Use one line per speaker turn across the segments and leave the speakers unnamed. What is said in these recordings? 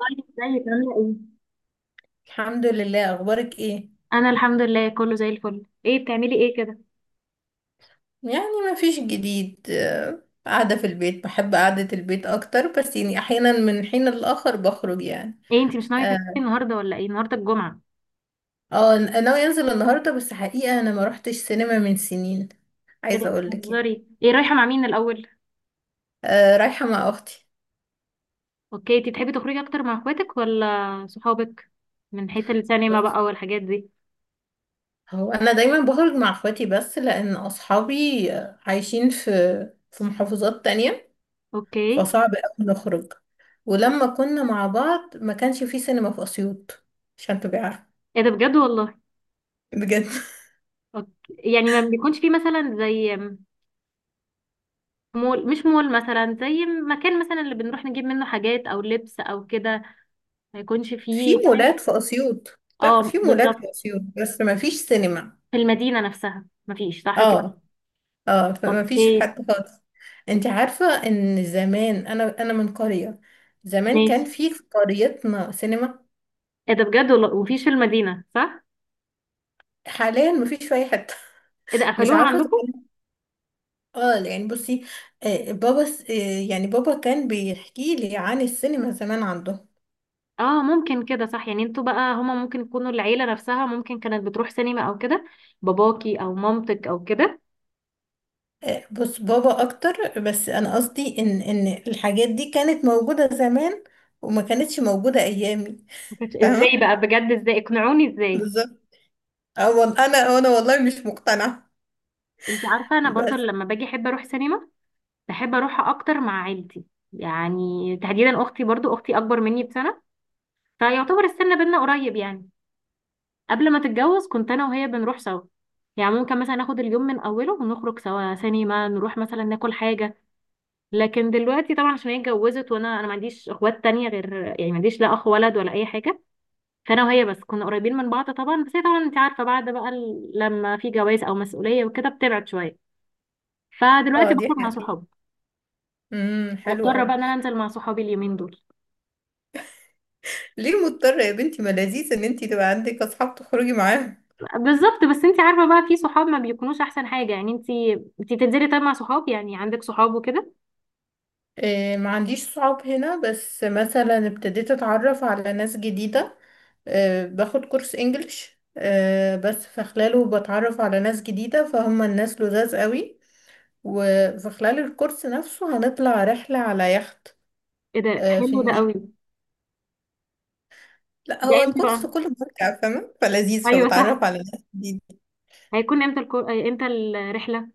طيب، ازيك عاملة ايه؟
الحمد لله. اخبارك ايه؟
أنا الحمد لله كله زي الفل. ايه بتعملي ايه كده؟
يعني ما فيش جديد، قاعده في البيت، بحب قعده البيت اكتر، بس يعني احيانا من حين لآخر بخرج يعني.
ايه انتي مش ناوية تنزلي
اه.
النهاردة ولا ايه؟ النهاردة الجمعة.
ناوي انزل النهارده، بس حقيقه انا ما روحتش سينما من سنين.
ايه ده
عايزه اقول لك يعني.
بتهزري؟ ايه، رايحة مع مين الأول؟
رايحه مع اختي.
اوكي، انتي تحبي تخرجي أكتر مع اخواتك ولا صحابك؟ من حيث السينما
بس
بقى والحاجات دي.
هو انا دايما بخرج مع اخواتي، بس لان اصحابي عايشين في محافظات تانية.
اوكي.
فصعب قوي نخرج. ولما كنا مع بعض ما كانش في سينما في اسيوط. عشان تبقى عارفه.
ايه ده بجد والله.
بجد.
أوكي. يعني ما بيكونش فيه مثلا زي مول، مش مول مثلا زي مكان مثلا اللي بنروح نجيب منه حاجات أو لبس أو كده، ما يكونش
في
فيه
مولات
سينما.
في أسيوط. لا،
اه
في مولات
بالظبط.
في أسيوط بس ما فيش سينما.
في المدينة نفسها مفيش صح كده.
اه. اه، فما فيش
اوكي
حتى خالص. انت عارفة ان زمان انا من قرية. زمان كان
ماشي.
في قريتنا سينما.
ايه ده بجد والله، وفي في المدينة صح؟
حاليا ما فيش في اي حتة.
ايه ده
مش
قفلوها
عارفة
عندكم؟
زمان. اه، يعني بصي. آه، بابا س- آه، يعني بابا كان بيحكي لي عن السينما زمان عنده.
اه ممكن كده صح. يعني انتوا بقى هما ممكن يكونوا العيلة نفسها ممكن كانت بتروح سينما او كده، باباكي او مامتك او كده.
بص، بابا اكتر، بس انا قصدي ان الحاجات دي كانت موجودة زمان. وما كانتش موجودة ايامي.
ما كانتش- ازاي
فاهمة.
بقى بجد، ازاي اقنعوني ازاي.
بالظبط. اه، انا والله مش مقتنعه.
انت عارفة انا برضو
بس.
لما باجي احب اروح سينما. بحب اروحها اكتر مع عيلتي، يعني تحديدا اختي. برضو اختي اكبر مني بسنة، فيعتبر السن بينا قريب يعني. قبل ما تتجوز كنت انا وهي بنروح سوا، يعني ممكن مثلا ناخد اليوم من اوله ونخرج سوا سينما، نروح مثلا ناكل حاجة. لكن دلوقتي طبعا عشان هي اتجوزت، وانا ما عنديش اخوات تانية غير، يعني ما عنديش لا اخ ولد ولا اي حاجه. فانا وهي بس كنا قريبين من بعض طبعا، بس هي طبعا انت عارفه بعد بقى لما في جواز او مسؤوليه وكده بتبعد شويه.
اه،
فدلوقتي
دي
بخرج مع
حقيقة.
صحابي،
حلو
مضطره
قوي.
بقى ان انا انزل مع صحابي اليومين دول.
ليه مضطرة يا بنتي؟ ما لذيذ ان انتي تبقى عندك اصحاب تخرجي معاهم.
بالظبط، بس انت عارفه بقى في صحاب ما بيكونوش احسن حاجه. يعني انت بتنزلي طيب مع صحاب، يعني عندك صحاب وكده؟
إيه، ما عنديش صحاب هنا، بس مثلا ابتديت اتعرف على ناس جديدة. إيه، باخد كورس انجليش. إيه، بس في خلاله بتعرف على ناس جديدة، فهم الناس لذاذ قوي. وفي خلال الكورس نفسه هنطلع رحلة على يخت.
ايه ده
إيه، في
حلو ده
النيل.
قوي.
لا،
ده
هو
امتى
الكورس
بقى؟
كله مراجعة، فاهمة، فلذيذ،
ايوه صح،
فبتعرف على ناس جديدة.
هيكون امتى امتى الرحله؟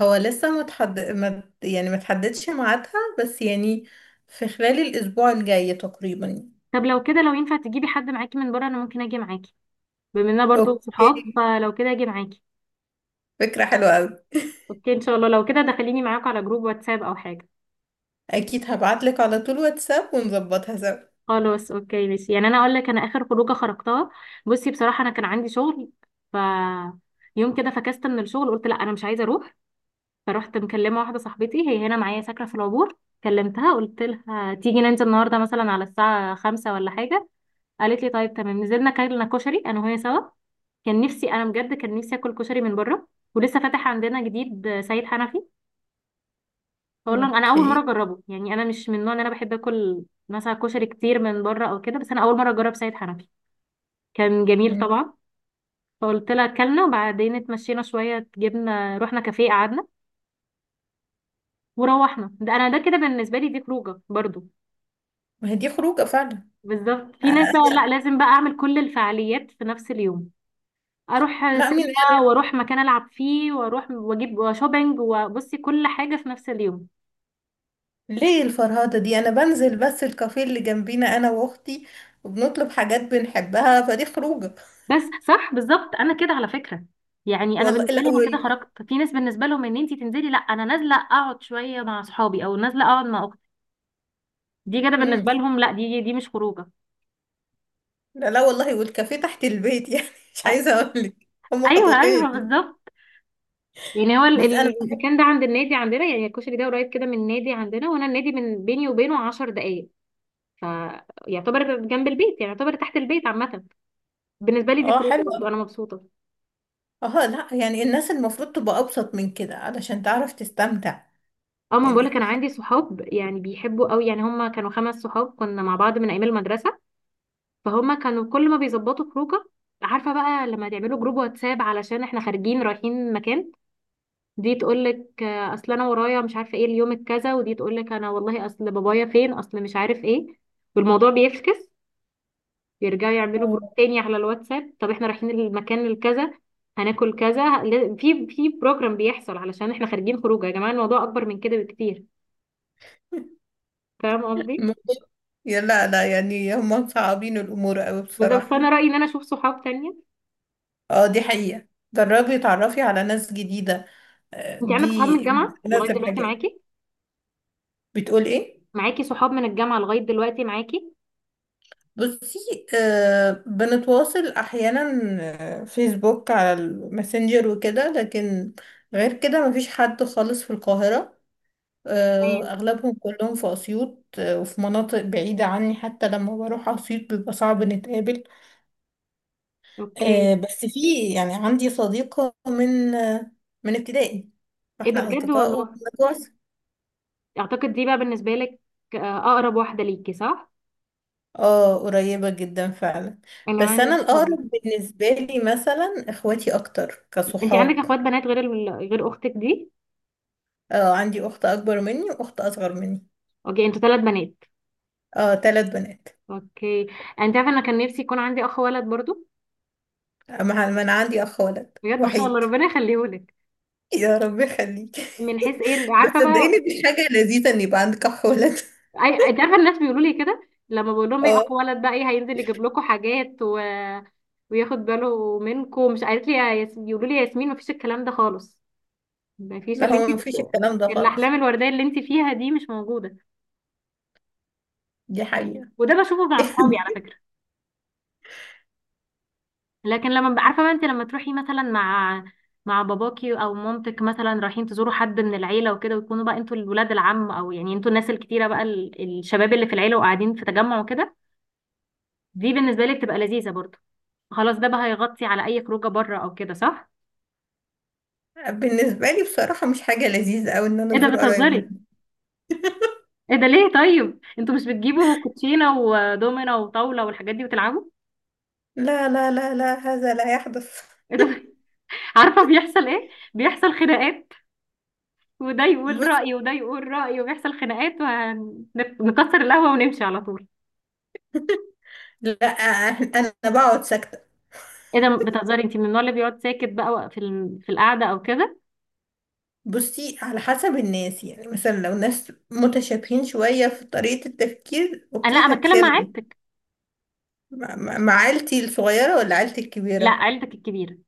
هو لسه ما يعني ما تحددش ميعادها. بس يعني. في خلال الأسبوع الجاي تقريبا.
طب لو كده لو ينفع تجيبي حد معاكي من بره انا ممكن اجي معاكي، بما اننا برضو صحاب
اوكي.
فلو كده اجي معاكي.
فكرة حلوة أوي.
اوكي، ان شاء الله لو كده دخليني معاك على جروب واتساب او حاجه.
أكيد هبعتلك على طول واتساب ونظبطها سوا.
خلاص اوكي ماشي. يعني انا اقول لك انا اخر خروجه خرجتها، بصي بصراحه انا كان عندي شغل، ف يوم كده فكست من الشغل، قلت لا انا مش عايزه اروح. فروحت مكلمه واحده صاحبتي، هي هنا معايا ساكنه في العبور. كلمتها قلت لها تيجي ننزل النهارده مثلا على الساعه 5 ولا حاجه. قالت لي طيب تمام. نزلنا كلنا كشري انا وهي سوا. كان نفسي انا بجد، كان نفسي اكل كشري من بره. ولسه فاتح عندنا جديد سيد حنفي، بقول لهم انا اول مره
اوكي.
اجربه. يعني انا مش من النوع ان انا بحب اكل مثلا كشري كتير من بره او كده، بس انا اول مره اجرب سيد حنفي. كان جميل
مم.
طبعا. فقلت لها اكلنا، وبعدين اتمشينا شويه، جبنا رحنا كافيه قعدنا وروحنا. ده انا ده كده بالنسبه لي دي خروجه برضو.
ما هي دي خروجة فعلا.
بالظبط. في ناس بقى لا
أنا...
لازم بقى اعمل كل الفعاليات في نفس اليوم، اروح
لا، مين؟
سينما واروح مكان العب فيه واروح واجيب شوبينج، وبصي كل حاجه في نفس اليوم.
ليه الفرهدة دي؟ أنا بنزل بس الكافيه اللي جنبينا، أنا وأختي. وبنطلب حاجات بنحبها، فدي خروجة.
بس صح بالظبط. انا كده على فكره، يعني انا
والله
بالنسبه لي انا كده
الأول.
خرجت. في ناس بالنسبه لهم ان انت تنزلي لا، انا نازله اقعد شويه مع اصحابي او نازله اقعد مع اختي، دي كده بالنسبه لهم لا، دي مش خروجه.
لا لا والله، والكافيه تحت البيت يعني. مش
أ-
عايزه اقول لك. هم
ايوه ايوه
خطوتين.
بالظبط. يعني هو
بس انا.
المكان ده عند النادي عندنا، يعني الكشري ده قريب كده من النادي عندنا، وانا النادي من بيني وبينه 10 دقائق، فيعتبر جنب البيت، يعني يعتبر تحت البيت عامه. بالنسبه لي دي
اه،
خروجه برضه،
حلو.
انا مبسوطه.
اه لا، يعني الناس المفروض تبقى ابسط من كده علشان تعرف تستمتع.
اه ما بقولك،
يعني.
انا عندي صحاب يعني بيحبوا قوي، يعني هم كانوا خمس صحاب كنا مع بعض من ايام المدرسه. فهما كانوا كل ما بيظبطوا خروجه، عارفه بقى لما تعملوا جروب واتساب علشان احنا خارجين رايحين مكان، دي تقول لك اصل انا ورايا مش عارفه ايه اليوم الكذا، ودي تقول لك انا والله اصل بابايا فين اصل مش عارف ايه، والموضوع بيفكس. بيرجعوا يعملوا جروب
اه.
تاني على الواتساب، طب احنا رايحين المكان الكذا هناكل كذا في بروجرام بيحصل علشان احنا خارجين خروجه. يا جماعه الموضوع اكبر من كده بكتير، فاهم قصدي؟
الموضوع- يا لا لا، يعني هم مصعبين الامور قوي
بالظبط،
بصراحه.
فانا رايي ان انا اشوف صحاب تانية.
اه، دي حقيقه. جربي تعرفي على ناس جديده.
انت عندك صحاب
دي
من الجامعه لغايه
ناس
دلوقتي
الحاجات،
معاكي؟
بتقول ايه؟
معاكي صحاب من الجامعة لغاية دلوقتي معاكي.
بصي. آه، بنتواصل احيانا. فيسبوك على الماسنجر وكده، لكن غير كده مفيش حد خالص في القاهرة. آه،
تمام.
اغلبهم كلهم في اسيوط، وفي مناطق بعيدة عني. حتى لما بروح اسيوط بيبقى صعب نتقابل.
اوكي.
آه، بس في، يعني عندي صديقة من من ابتدائي.
ايه ده
فاحنا
بجد
اصدقاء
والله.
وبنتواصل.
اعتقد دي بقى بالنسبة لك اقرب واحدة ليكي صح.
اه، قريبة جدا فعلا.
انا
بس
عندي
انا
صحاب.
الاقرب بالنسبة لي مثلا اخواتي اكتر
انت عندك
كصحاب.
اخوات بنات غير اختك دي؟
اه، عندي اخت اكبر مني واخت اصغر مني.
اوكي، انتوا ثلاث بنات.
اه، ثلاث بنات.
اوكي، انت عارفة انا كان نفسي يكون عندي اخ ولد برضو.
اما ما انا عندي اخ ولد
بجد ما شاء الله
وحيد.
ربنا يخليهولك.
يا رب يخليك.
من حيث ايه
بس
عارفة
صدقيني
بقى؟
دي حاجة لذيذة ان يبقى عندك اخ ولد.
اي، انت عارفة الناس بيقولوا لي كده، لما بقول لهم ايه
اه
اخ ولد بقى، ايه هينزل يجيب لكم حاجات و... وياخد باله منكم، مش قالت لي يقولوا لي يا ياسمين مفيش الكلام ده خالص، مفيش
لا،
اللي انت
هو مفيش
بت...
الكلام ده خالص.
الاحلام الورديه اللي انت فيها دي مش موجوده.
دي حقيقة.
وده بشوفه مع اصحابي على فكره. لكن عارفه بقى انت لما تروحي مثلا مع باباكي او مامتك مثلا رايحين تزوروا حد من العيله وكده، ويكونوا بقى انتوا الولاد العم، او يعني انتوا الناس الكتيره بقى الشباب اللي في العيله وقاعدين في تجمع وكده، دي بالنسبه لي بتبقى لذيذه برضه. خلاص ده بقى هيغطي على اي خروجه بره او كده صح.
بالنسبة لي بصراحة مش حاجة لذيذة أوي إن أنا
ايه ده
أزور قرايبنا.
بتهزري. ايه ده ليه؟ طيب انتوا مش بتجيبوا كوتشينه ودومينه وطاوله والحاجات دي وتلعبوا؟
لا لا لا لا، هذا لا يحدث.
ايه ده. عارفة بيحصل ايه؟ بيحصل خناقات، وده يقول
بص.
رأيه وده يقول رأيه وبيحصل خناقات، ونكسر القهوة ونمشي على طول.
لا، أنا بقعد ساكتة.
ايه ده بتهزري. انت من النوع اللي بيقعد ساكت بقى في في القعدة او كده؟
بصي، على حسب الناس، يعني مثلا لو ناس متشابهين شوية في طريقة التفكير
انا لا،
اوكي
انا بتكلم مع
هتكلم.
عيلتك.
مع عيلتي الصغيرة ولا عيلتي
لا
الكبيرة؟
عيلتك الكبيرة،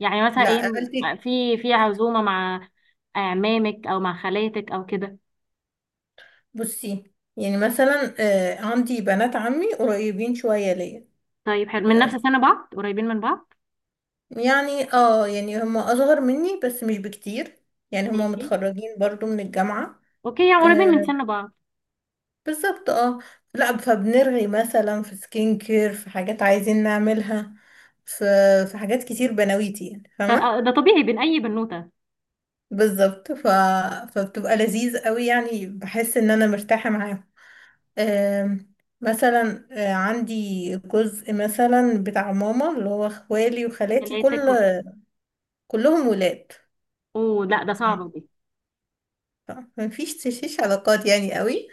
يعني مثلا
لا،
ايه،
عيلتي.
في عزومة مع اعمامك او مع خالاتك او كده؟
بصي، يعني مثلا عندي بنات عمي قريبين شوية ليا.
طيب حلو، من نفس
آه.
سن بعض قريبين من بعض.
يعني، اه، يعني هم اصغر مني بس مش بكتير. يعني هم
ماشي.
متخرجين برضو من الجامعة.
اوكي يعني قريبين من
آه.
سن بعض.
بالظبط، اه. لا، فبنرغي مثلا في سكين كير، في حاجات عايزين نعملها. في في حاجات كتير بنويتي، يعني فاهمة.
ده طبيعي بين اي بنوتة.
بالظبط. فبتبقى لذيذ قوي، يعني بحس ان انا مرتاحة معاهم. آم، مثلا، عندي جزء مثلا بتاع ماما اللي هو اخوالي وخالاتي، كل
خالاتك و-
كلهم ولاد.
اوه لا ده صعب.
ف- مفيش تشيش علاقات يعني قوي.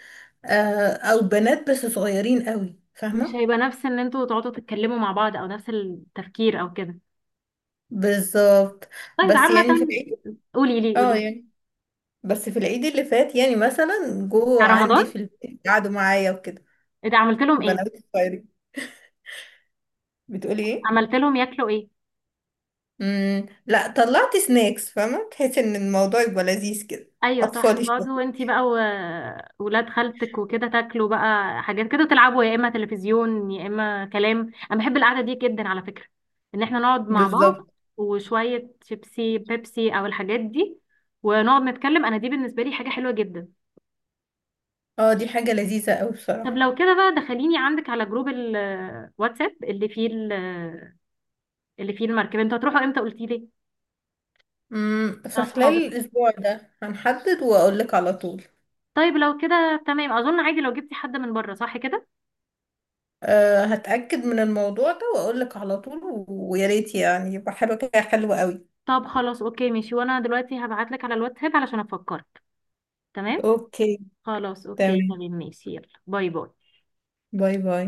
او بنات بس صغيرين قوي،
مش
فاهمة.
هيبقى نفس ان انتوا تقعدوا تتكلموا مع بعض او نفس التفكير او كده.
بالظبط.
طيب
بس
عامة،
يعني في العيد.
قولي لي قولي
اه،
لي.
يعني بس في العيد اللي فات يعني، مثلا جو
بتاع
عندي في
رمضان.
البيت قعدوا معايا وكده.
إيه ده عملت لهم ايه؟
البنات الصغيرين. بتقولي ايه؟
عملت لهم ياكلوا ايه؟
لا، طلعت سناكس، فاهمه، تحس ان الموضوع يبقى لذيذ كده.
ايوه صح
اطفالي
تقعدوا
شويه.
انتي بقى وولاد خالتك وكده تاكلوا بقى حاجات كده، تلعبوا يا اما تلفزيون يا اما كلام. انا بحب القعدة دي جدا على فكرة، ان احنا نقعد مع
بالظبط.
بعض وشوية شيبسي بيبسي او الحاجات دي ونقعد نتكلم. انا دي بالنسبة لي حاجة حلوة جدا.
اه، دي حاجه لذيذه قوي
طب
بصراحه.
لو كده بقى دخليني عندك على جروب الواتساب اللي فيه اللي فيه المركبة. انتوا هتروحوا امتى قلتي لي؟ مع
فخلال
صحابك.
الاسبوع ده هنحدد واقول لك على طول.
طيب لو كده تمام، اظن عادي لو جبتي حد من بره صح كده.
أه، هتأكد من الموضوع ده واقول لك على طول ويا ريت يعني يبقى حاجه كده حلوه قوي.
طب خلاص اوكي ماشي، وانا دلوقتي هبعت لك على الواتساب علشان افكرك. تمام.
اوكي،
خلاص اوكي
تمام،
تمام ماشي، يلا باي باي.
باي باي.